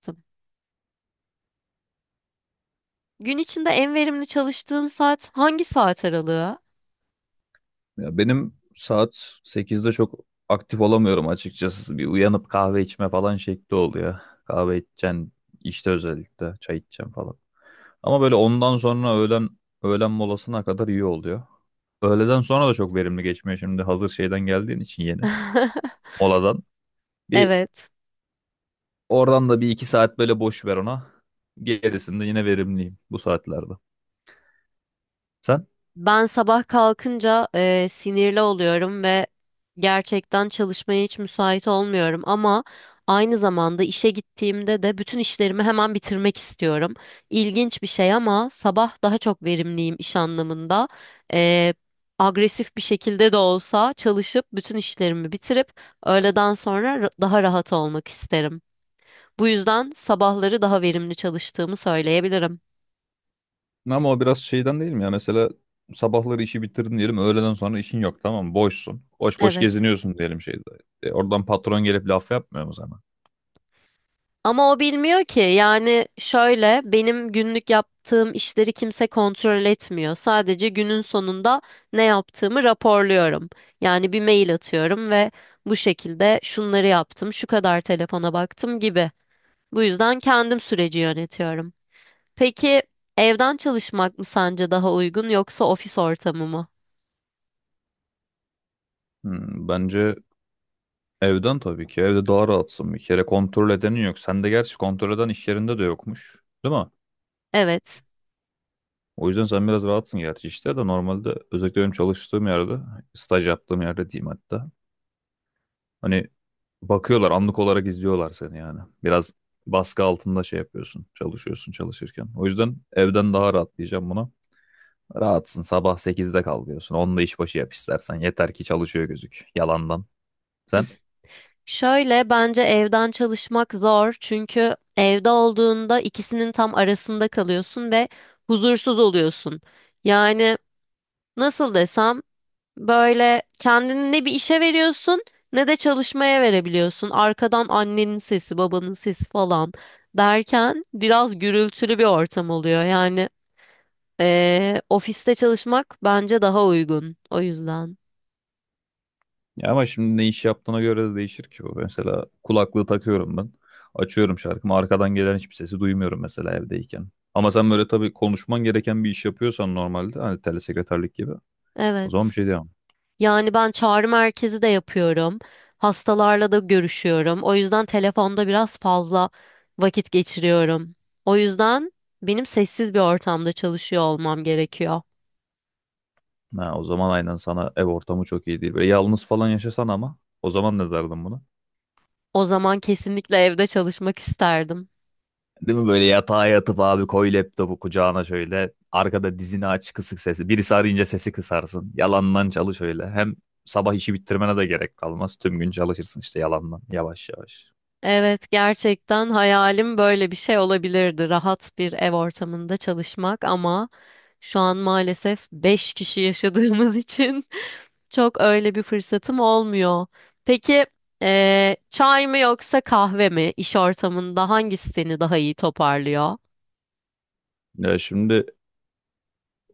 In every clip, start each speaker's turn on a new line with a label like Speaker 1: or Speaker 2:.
Speaker 1: Tabii. Gün içinde en verimli çalıştığın saat hangi saat aralığı?
Speaker 2: Ya benim saat 8'de çok aktif olamıyorum açıkçası. Bir uyanıp kahve içme falan şekli oluyor. Kahve içeceğim işte özellikle çay içeceğim falan. Ama böyle ondan sonra öğlen molasına kadar iyi oluyor. Öğleden sonra da çok verimli geçmiyor, şimdi hazır şeyden geldiğin için, yeni moladan. Bir
Speaker 1: Evet.
Speaker 2: oradan da bir iki saat böyle boş ver ona. Gerisinde yine verimliyim bu saatlerde. Sen?
Speaker 1: Ben sabah kalkınca sinirli oluyorum ve gerçekten çalışmaya hiç müsait olmuyorum ama aynı zamanda işe gittiğimde de bütün işlerimi hemen bitirmek istiyorum. İlginç bir şey ama sabah daha çok verimliyim iş anlamında. E, Agresif bir şekilde de olsa çalışıp bütün işlerimi bitirip öğleden sonra daha rahat olmak isterim. Bu yüzden sabahları daha verimli çalıştığımı söyleyebilirim.
Speaker 2: Ama o biraz şeyden değil mi ya? Mesela sabahları işi bitirdin diyelim, öğleden sonra işin yok, tamam mı? Boşsun. Boş boş
Speaker 1: Evet.
Speaker 2: geziniyorsun diyelim şeyde. Oradan patron gelip laf yapmıyor mu sana?
Speaker 1: Ama o bilmiyor ki. Yani şöyle benim günlük yaptığım işleri kimse kontrol etmiyor. Sadece günün sonunda ne yaptığımı raporluyorum. Yani bir mail atıyorum ve bu şekilde şunları yaptım, şu kadar telefona baktım gibi. Bu yüzden kendim süreci yönetiyorum. Peki evden çalışmak mı sence daha uygun yoksa ofis ortamı mı?
Speaker 2: Bence evden tabii ki. Evde daha rahatsın bir kere. Kontrol edenin yok. Sende gerçi kontrol eden iş yerinde de yokmuş. Değil mi?
Speaker 1: Evet.
Speaker 2: O yüzden sen biraz rahatsın, gerçi işte de normalde, özellikle benim çalıştığım yerde, staj yaptığım yerde diyeyim hatta. Hani bakıyorlar, anlık olarak izliyorlar seni yani. Biraz baskı altında şey yapıyorsun. Çalışıyorsun çalışırken. O yüzden evden daha rahat diyeceğim buna. Rahatsın, sabah 8'de kalkıyorsun. Onu da işbaşı yap istersen. Yeter ki çalışıyor gözük. Yalandan. Sen?
Speaker 1: Şöyle bence evden çalışmak zor çünkü evde olduğunda ikisinin tam arasında kalıyorsun ve huzursuz oluyorsun. Yani nasıl desem böyle kendini ne bir işe veriyorsun ne de çalışmaya verebiliyorsun. Arkadan annenin sesi, babanın sesi falan derken biraz gürültülü bir ortam oluyor. Yani ofiste çalışmak bence daha uygun o yüzden.
Speaker 2: Ya ama şimdi ne iş yaptığına göre de değişir ki bu. Mesela kulaklığı takıyorum ben. Açıyorum şarkımı. Arkadan gelen hiçbir sesi duymuyorum mesela evdeyken. Ama sen böyle tabii konuşman gereken bir iş yapıyorsan normalde, hani telesekreterlik gibi, o zaman
Speaker 1: Evet.
Speaker 2: bir şey diyemem.
Speaker 1: Yani ben çağrı merkezi de yapıyorum. Hastalarla da görüşüyorum. O yüzden telefonda biraz fazla vakit geçiriyorum. O yüzden benim sessiz bir ortamda çalışıyor olmam gerekiyor.
Speaker 2: Ha, o zaman aynen sana ev ortamı çok iyi değil. Böyle yalnız falan yaşasan, ama o zaman ne derdin buna?
Speaker 1: O zaman kesinlikle evde çalışmak isterdim.
Speaker 2: Değil mi, böyle yatağa yatıp, abi koy laptopu kucağına şöyle arkada, dizini aç, kısık sesi. Birisi arayınca sesi kısarsın. Yalandan çalış öyle. Hem sabah işi bitirmene de gerek kalmaz. Tüm gün çalışırsın işte yalandan, yavaş yavaş.
Speaker 1: Evet, gerçekten hayalim böyle bir şey olabilirdi. Rahat bir ev ortamında çalışmak ama şu an maalesef 5 kişi yaşadığımız için çok öyle bir fırsatım olmuyor. Peki çay mı yoksa kahve mi, İş ortamında hangisi seni daha iyi toparlıyor?
Speaker 2: Ya şimdi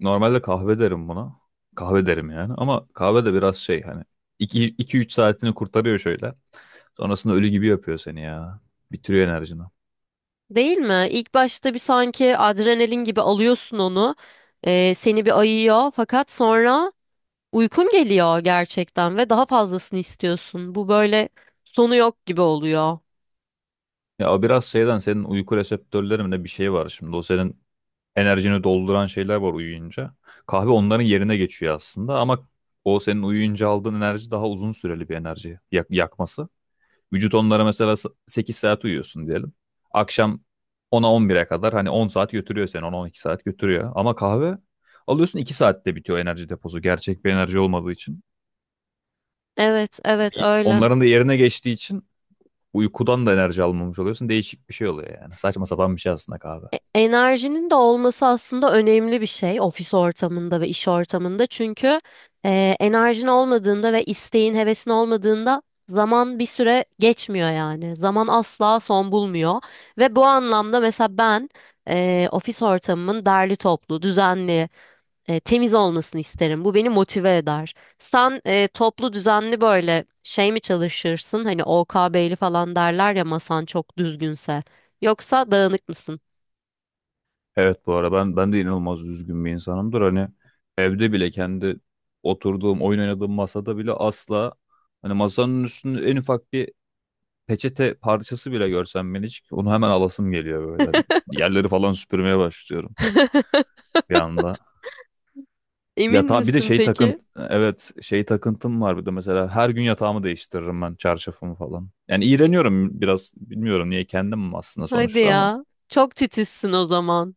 Speaker 2: normalde kahve derim buna. Kahve derim yani, ama kahve de biraz şey hani, iki üç saatini kurtarıyor şöyle. Sonrasında ölü gibi yapıyor seni ya. Bitiriyor enerjini.
Speaker 1: Değil mi? İlk başta bir sanki adrenalin gibi alıyorsun onu. Seni bir ayıyor fakat sonra uykun geliyor gerçekten ve daha fazlasını istiyorsun. Bu böyle sonu yok gibi oluyor.
Speaker 2: Ya o biraz şeyden, senin uyku reseptörlerinde bir şey var şimdi. O senin enerjini dolduran şeyler var uyuyunca. Kahve onların yerine geçiyor aslında, ama o senin uyuyunca aldığın enerji daha uzun süreli bir enerji yakması. Vücut onlara mesela, 8 saat uyuyorsun diyelim. Akşam ona 10 bire kadar, hani 10 saat götürüyor seni, on on iki saat götürüyor. Ama kahve alıyorsun, 2 saatte bitiyor enerji deposu, gerçek bir enerji olmadığı için.
Speaker 1: Evet, evet öyle.
Speaker 2: Onların da yerine geçtiği için uykudan da enerji almamış oluyorsun. Değişik bir şey oluyor yani. Saçma sapan bir şey aslında kahve.
Speaker 1: Enerjinin de olması aslında önemli bir şey ofis ortamında ve iş ortamında. Çünkü enerjin olmadığında ve isteğin, hevesin olmadığında zaman bir süre geçmiyor yani. Zaman asla son bulmuyor. Ve bu anlamda mesela ben ofis ortamımın derli toplu, düzenli, temiz olmasını isterim. Bu beni motive eder. Sen toplu, düzenli böyle şey mi çalışırsın? Hani O K OKB'li falan derler ya masan çok düzgünse. Yoksa dağınık mısın?
Speaker 2: Evet, bu arada ben de inanılmaz üzgün bir insanımdır. Hani evde bile kendi oturduğum, oyun oynadığım masada bile, asla hani masanın üstünde en ufak bir peçete parçası bile görsem, ben hiç, onu hemen alasım geliyor böyle. Hani yerleri falan süpürmeye başlıyorum bir anda.
Speaker 1: Emin
Speaker 2: Yatağa bir de
Speaker 1: misin
Speaker 2: şey
Speaker 1: peki?
Speaker 2: evet, şey takıntım var bir de. Mesela her gün yatağımı değiştiririm ben, çarşafımı falan. Yani iğreniyorum biraz, bilmiyorum niye kendim aslında
Speaker 1: Hadi
Speaker 2: sonuçta, ama
Speaker 1: ya. Çok titizsin o zaman.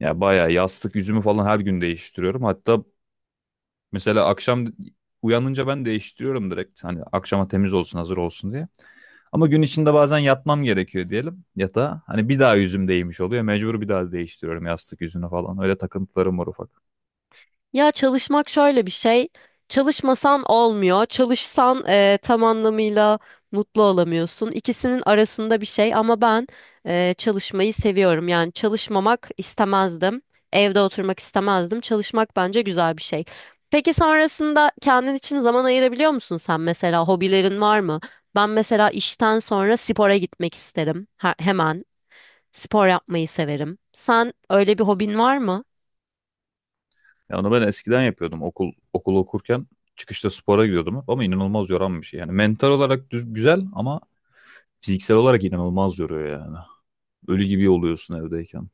Speaker 2: ya bayağı yastık yüzümü falan her gün değiştiriyorum. Hatta mesela akşam uyanınca ben değiştiriyorum direkt. Hani akşama temiz olsun, hazır olsun diye. Ama gün içinde bazen yatmam gerekiyor diyelim yatağa. Hani bir daha yüzüm değmiş oluyor. Mecbur bir daha değiştiriyorum yastık yüzünü falan. Öyle takıntılarım var ufak.
Speaker 1: Ya çalışmak şöyle bir şey. Çalışmasan olmuyor. Çalışsan tam anlamıyla mutlu olamıyorsun. İkisinin arasında bir şey ama ben çalışmayı seviyorum. Yani çalışmamak istemezdim. Evde oturmak istemezdim. Çalışmak bence güzel bir şey. Peki sonrasında kendin için zaman ayırabiliyor musun sen mesela? Hobilerin var mı? Ben mesela işten sonra spora gitmek isterim. Hemen spor yapmayı severim. Sen öyle bir hobin var mı?
Speaker 2: Ya onu ben eskiden yapıyordum. Okul okurken çıkışta spora gidiyordum hep, ama inanılmaz yoran bir şey. Yani mental olarak düz, güzel, ama fiziksel olarak inanılmaz yoruyor yani. Ölü gibi oluyorsun evdeyken.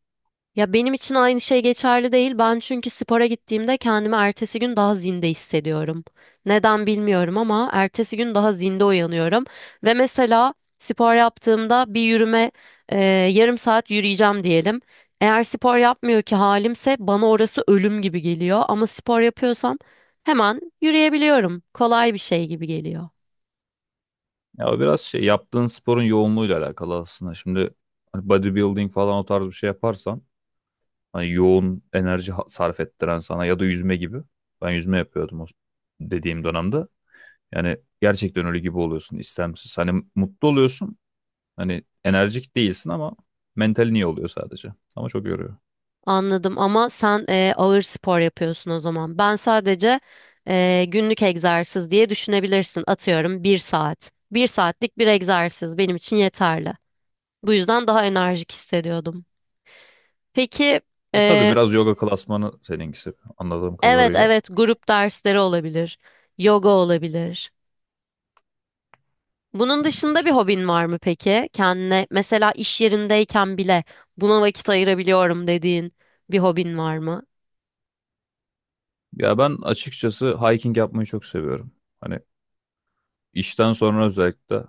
Speaker 1: Ya benim için aynı şey geçerli değil. Ben çünkü spora gittiğimde kendimi ertesi gün daha zinde hissediyorum. Neden bilmiyorum ama ertesi gün daha zinde uyanıyorum. Ve mesela spor yaptığımda bir yürüme, e, yarım saat yürüyeceğim diyelim. Eğer spor yapmıyor ki halimse bana orası ölüm gibi geliyor. Ama spor yapıyorsam hemen yürüyebiliyorum. Kolay bir şey gibi geliyor.
Speaker 2: Ya o biraz şey, yaptığın sporun yoğunluğuyla alakalı aslında. Şimdi hani bodybuilding falan o tarz bir şey yaparsan, hani yoğun enerji sarf ettiren sana, ya da yüzme gibi. Ben yüzme yapıyordum o dediğim dönemde. Yani gerçekten ölü gibi oluyorsun istemsiz. Hani mutlu oluyorsun. Hani enerjik değilsin ama mentalin iyi oluyor sadece. Ama çok yoruyor.
Speaker 1: Anladım ama sen ağır spor yapıyorsun o zaman. Ben sadece günlük egzersiz diye düşünebilirsin. Atıyorum bir saat. Bir saatlik bir egzersiz benim için yeterli. Bu yüzden daha enerjik hissediyordum. Peki
Speaker 2: E tabii
Speaker 1: e,
Speaker 2: biraz yoga klasmanı seninkisi anladığım
Speaker 1: evet,
Speaker 2: kadarıyla,
Speaker 1: evet, grup dersleri olabilir. Yoga olabilir. Bunun dışında bir
Speaker 2: güzel.
Speaker 1: hobin var mı peki? Kendine mesela iş yerindeyken bile buna vakit ayırabiliyorum dediğin bir hobin var mı?
Speaker 2: Ya ben açıkçası hiking yapmayı çok seviyorum. Hani işten sonra özellikle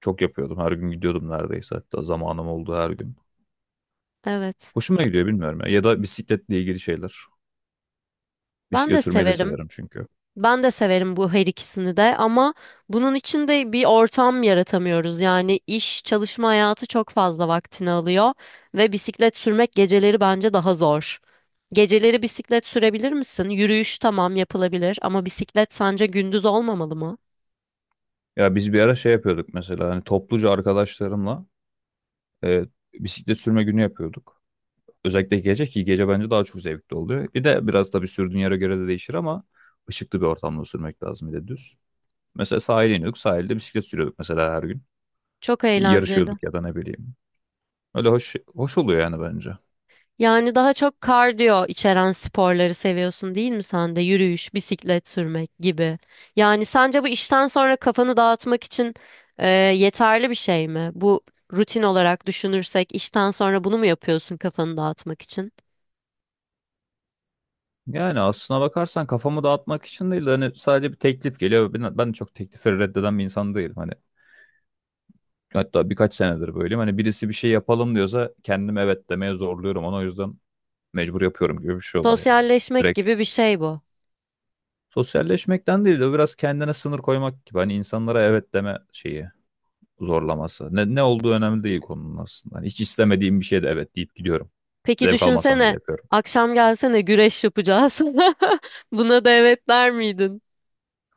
Speaker 2: çok yapıyordum. Her gün gidiyordum neredeyse. Hatta zamanım oldu her gün.
Speaker 1: Evet.
Speaker 2: Hoşuma gidiyor, bilmiyorum ya. Ya da bisikletle ilgili şeyler.
Speaker 1: Ben
Speaker 2: Bisiklet
Speaker 1: de
Speaker 2: sürmeyi de
Speaker 1: severim.
Speaker 2: severim çünkü.
Speaker 1: Ben de severim bu her ikisini de ama bunun için de bir ortam yaratamıyoruz. Yani iş, çalışma hayatı çok fazla vaktini alıyor ve bisiklet sürmek geceleri bence daha zor. Geceleri bisiklet sürebilir misin? Yürüyüş tamam yapılabilir ama bisiklet sence gündüz olmamalı mı?
Speaker 2: Ya biz bir ara şey yapıyorduk mesela. Hani topluca arkadaşlarımla e, bisiklet sürme günü yapıyorduk. Özellikle gece, ki gece bence daha çok zevkli oluyor. Bir de biraz tabii sürdüğün yere göre de değişir, ama ışıklı bir ortamda sürmek lazım, bir de düz. Mesela sahile iniyorduk. Sahilde bisiklet sürüyorduk mesela her gün.
Speaker 1: Çok eğlenceli.
Speaker 2: Yarışıyorduk ya da ne bileyim. Öyle hoş hoş oluyor yani bence.
Speaker 1: Yani daha çok kardiyo içeren sporları seviyorsun değil mi sen de? Yürüyüş, bisiklet sürmek gibi. Yani sence bu işten sonra kafanı dağıtmak için yeterli bir şey mi? Bu rutin olarak düşünürsek işten sonra bunu mu yapıyorsun kafanı dağıtmak için?
Speaker 2: Yani aslına bakarsan kafamı dağıtmak için değil de, hani sadece bir teklif geliyor. Ben de çok teklifleri reddeden bir insan değilim. Hani hatta birkaç senedir böyleyim. Hani birisi bir şey yapalım diyorsa kendim evet demeye zorluyorum. Onu o yüzden mecbur yapıyorum gibi bir şey oluyor yani.
Speaker 1: Sosyalleşmek
Speaker 2: Direkt
Speaker 1: gibi bir şey bu.
Speaker 2: sosyalleşmekten değil de biraz kendine sınır koymak gibi. Hani insanlara evet deme şeyi zorlaması. Ne olduğu önemli değil konunun aslında. Hani hiç istemediğim bir şeye de evet deyip gidiyorum.
Speaker 1: Peki
Speaker 2: Zevk almasam bile
Speaker 1: düşünsene
Speaker 2: yapıyorum.
Speaker 1: akşam gelsene, güreş yapacağız. Buna da evet der miydin?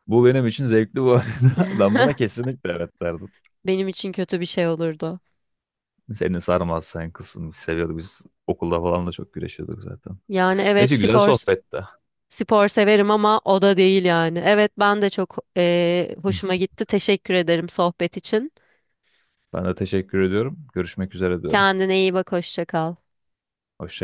Speaker 2: Bu benim için zevkli bu arada. Ben buna kesinlikle evet derdim.
Speaker 1: Benim için kötü bir şey olurdu.
Speaker 2: Seni sarmaz, sen kısım seviyordu. Biz okulda falan da çok güreşiyorduk zaten.
Speaker 1: Yani evet,
Speaker 2: Neyse, güzel
Speaker 1: spor
Speaker 2: sohbette.
Speaker 1: spor severim ama o da değil yani. Evet, ben de çok hoşuma gitti. Teşekkür ederim sohbet için.
Speaker 2: Ben de teşekkür ediyorum. Görüşmek üzere diyorum.
Speaker 1: Kendine iyi bak, hoşça kal.
Speaker 2: Hoşça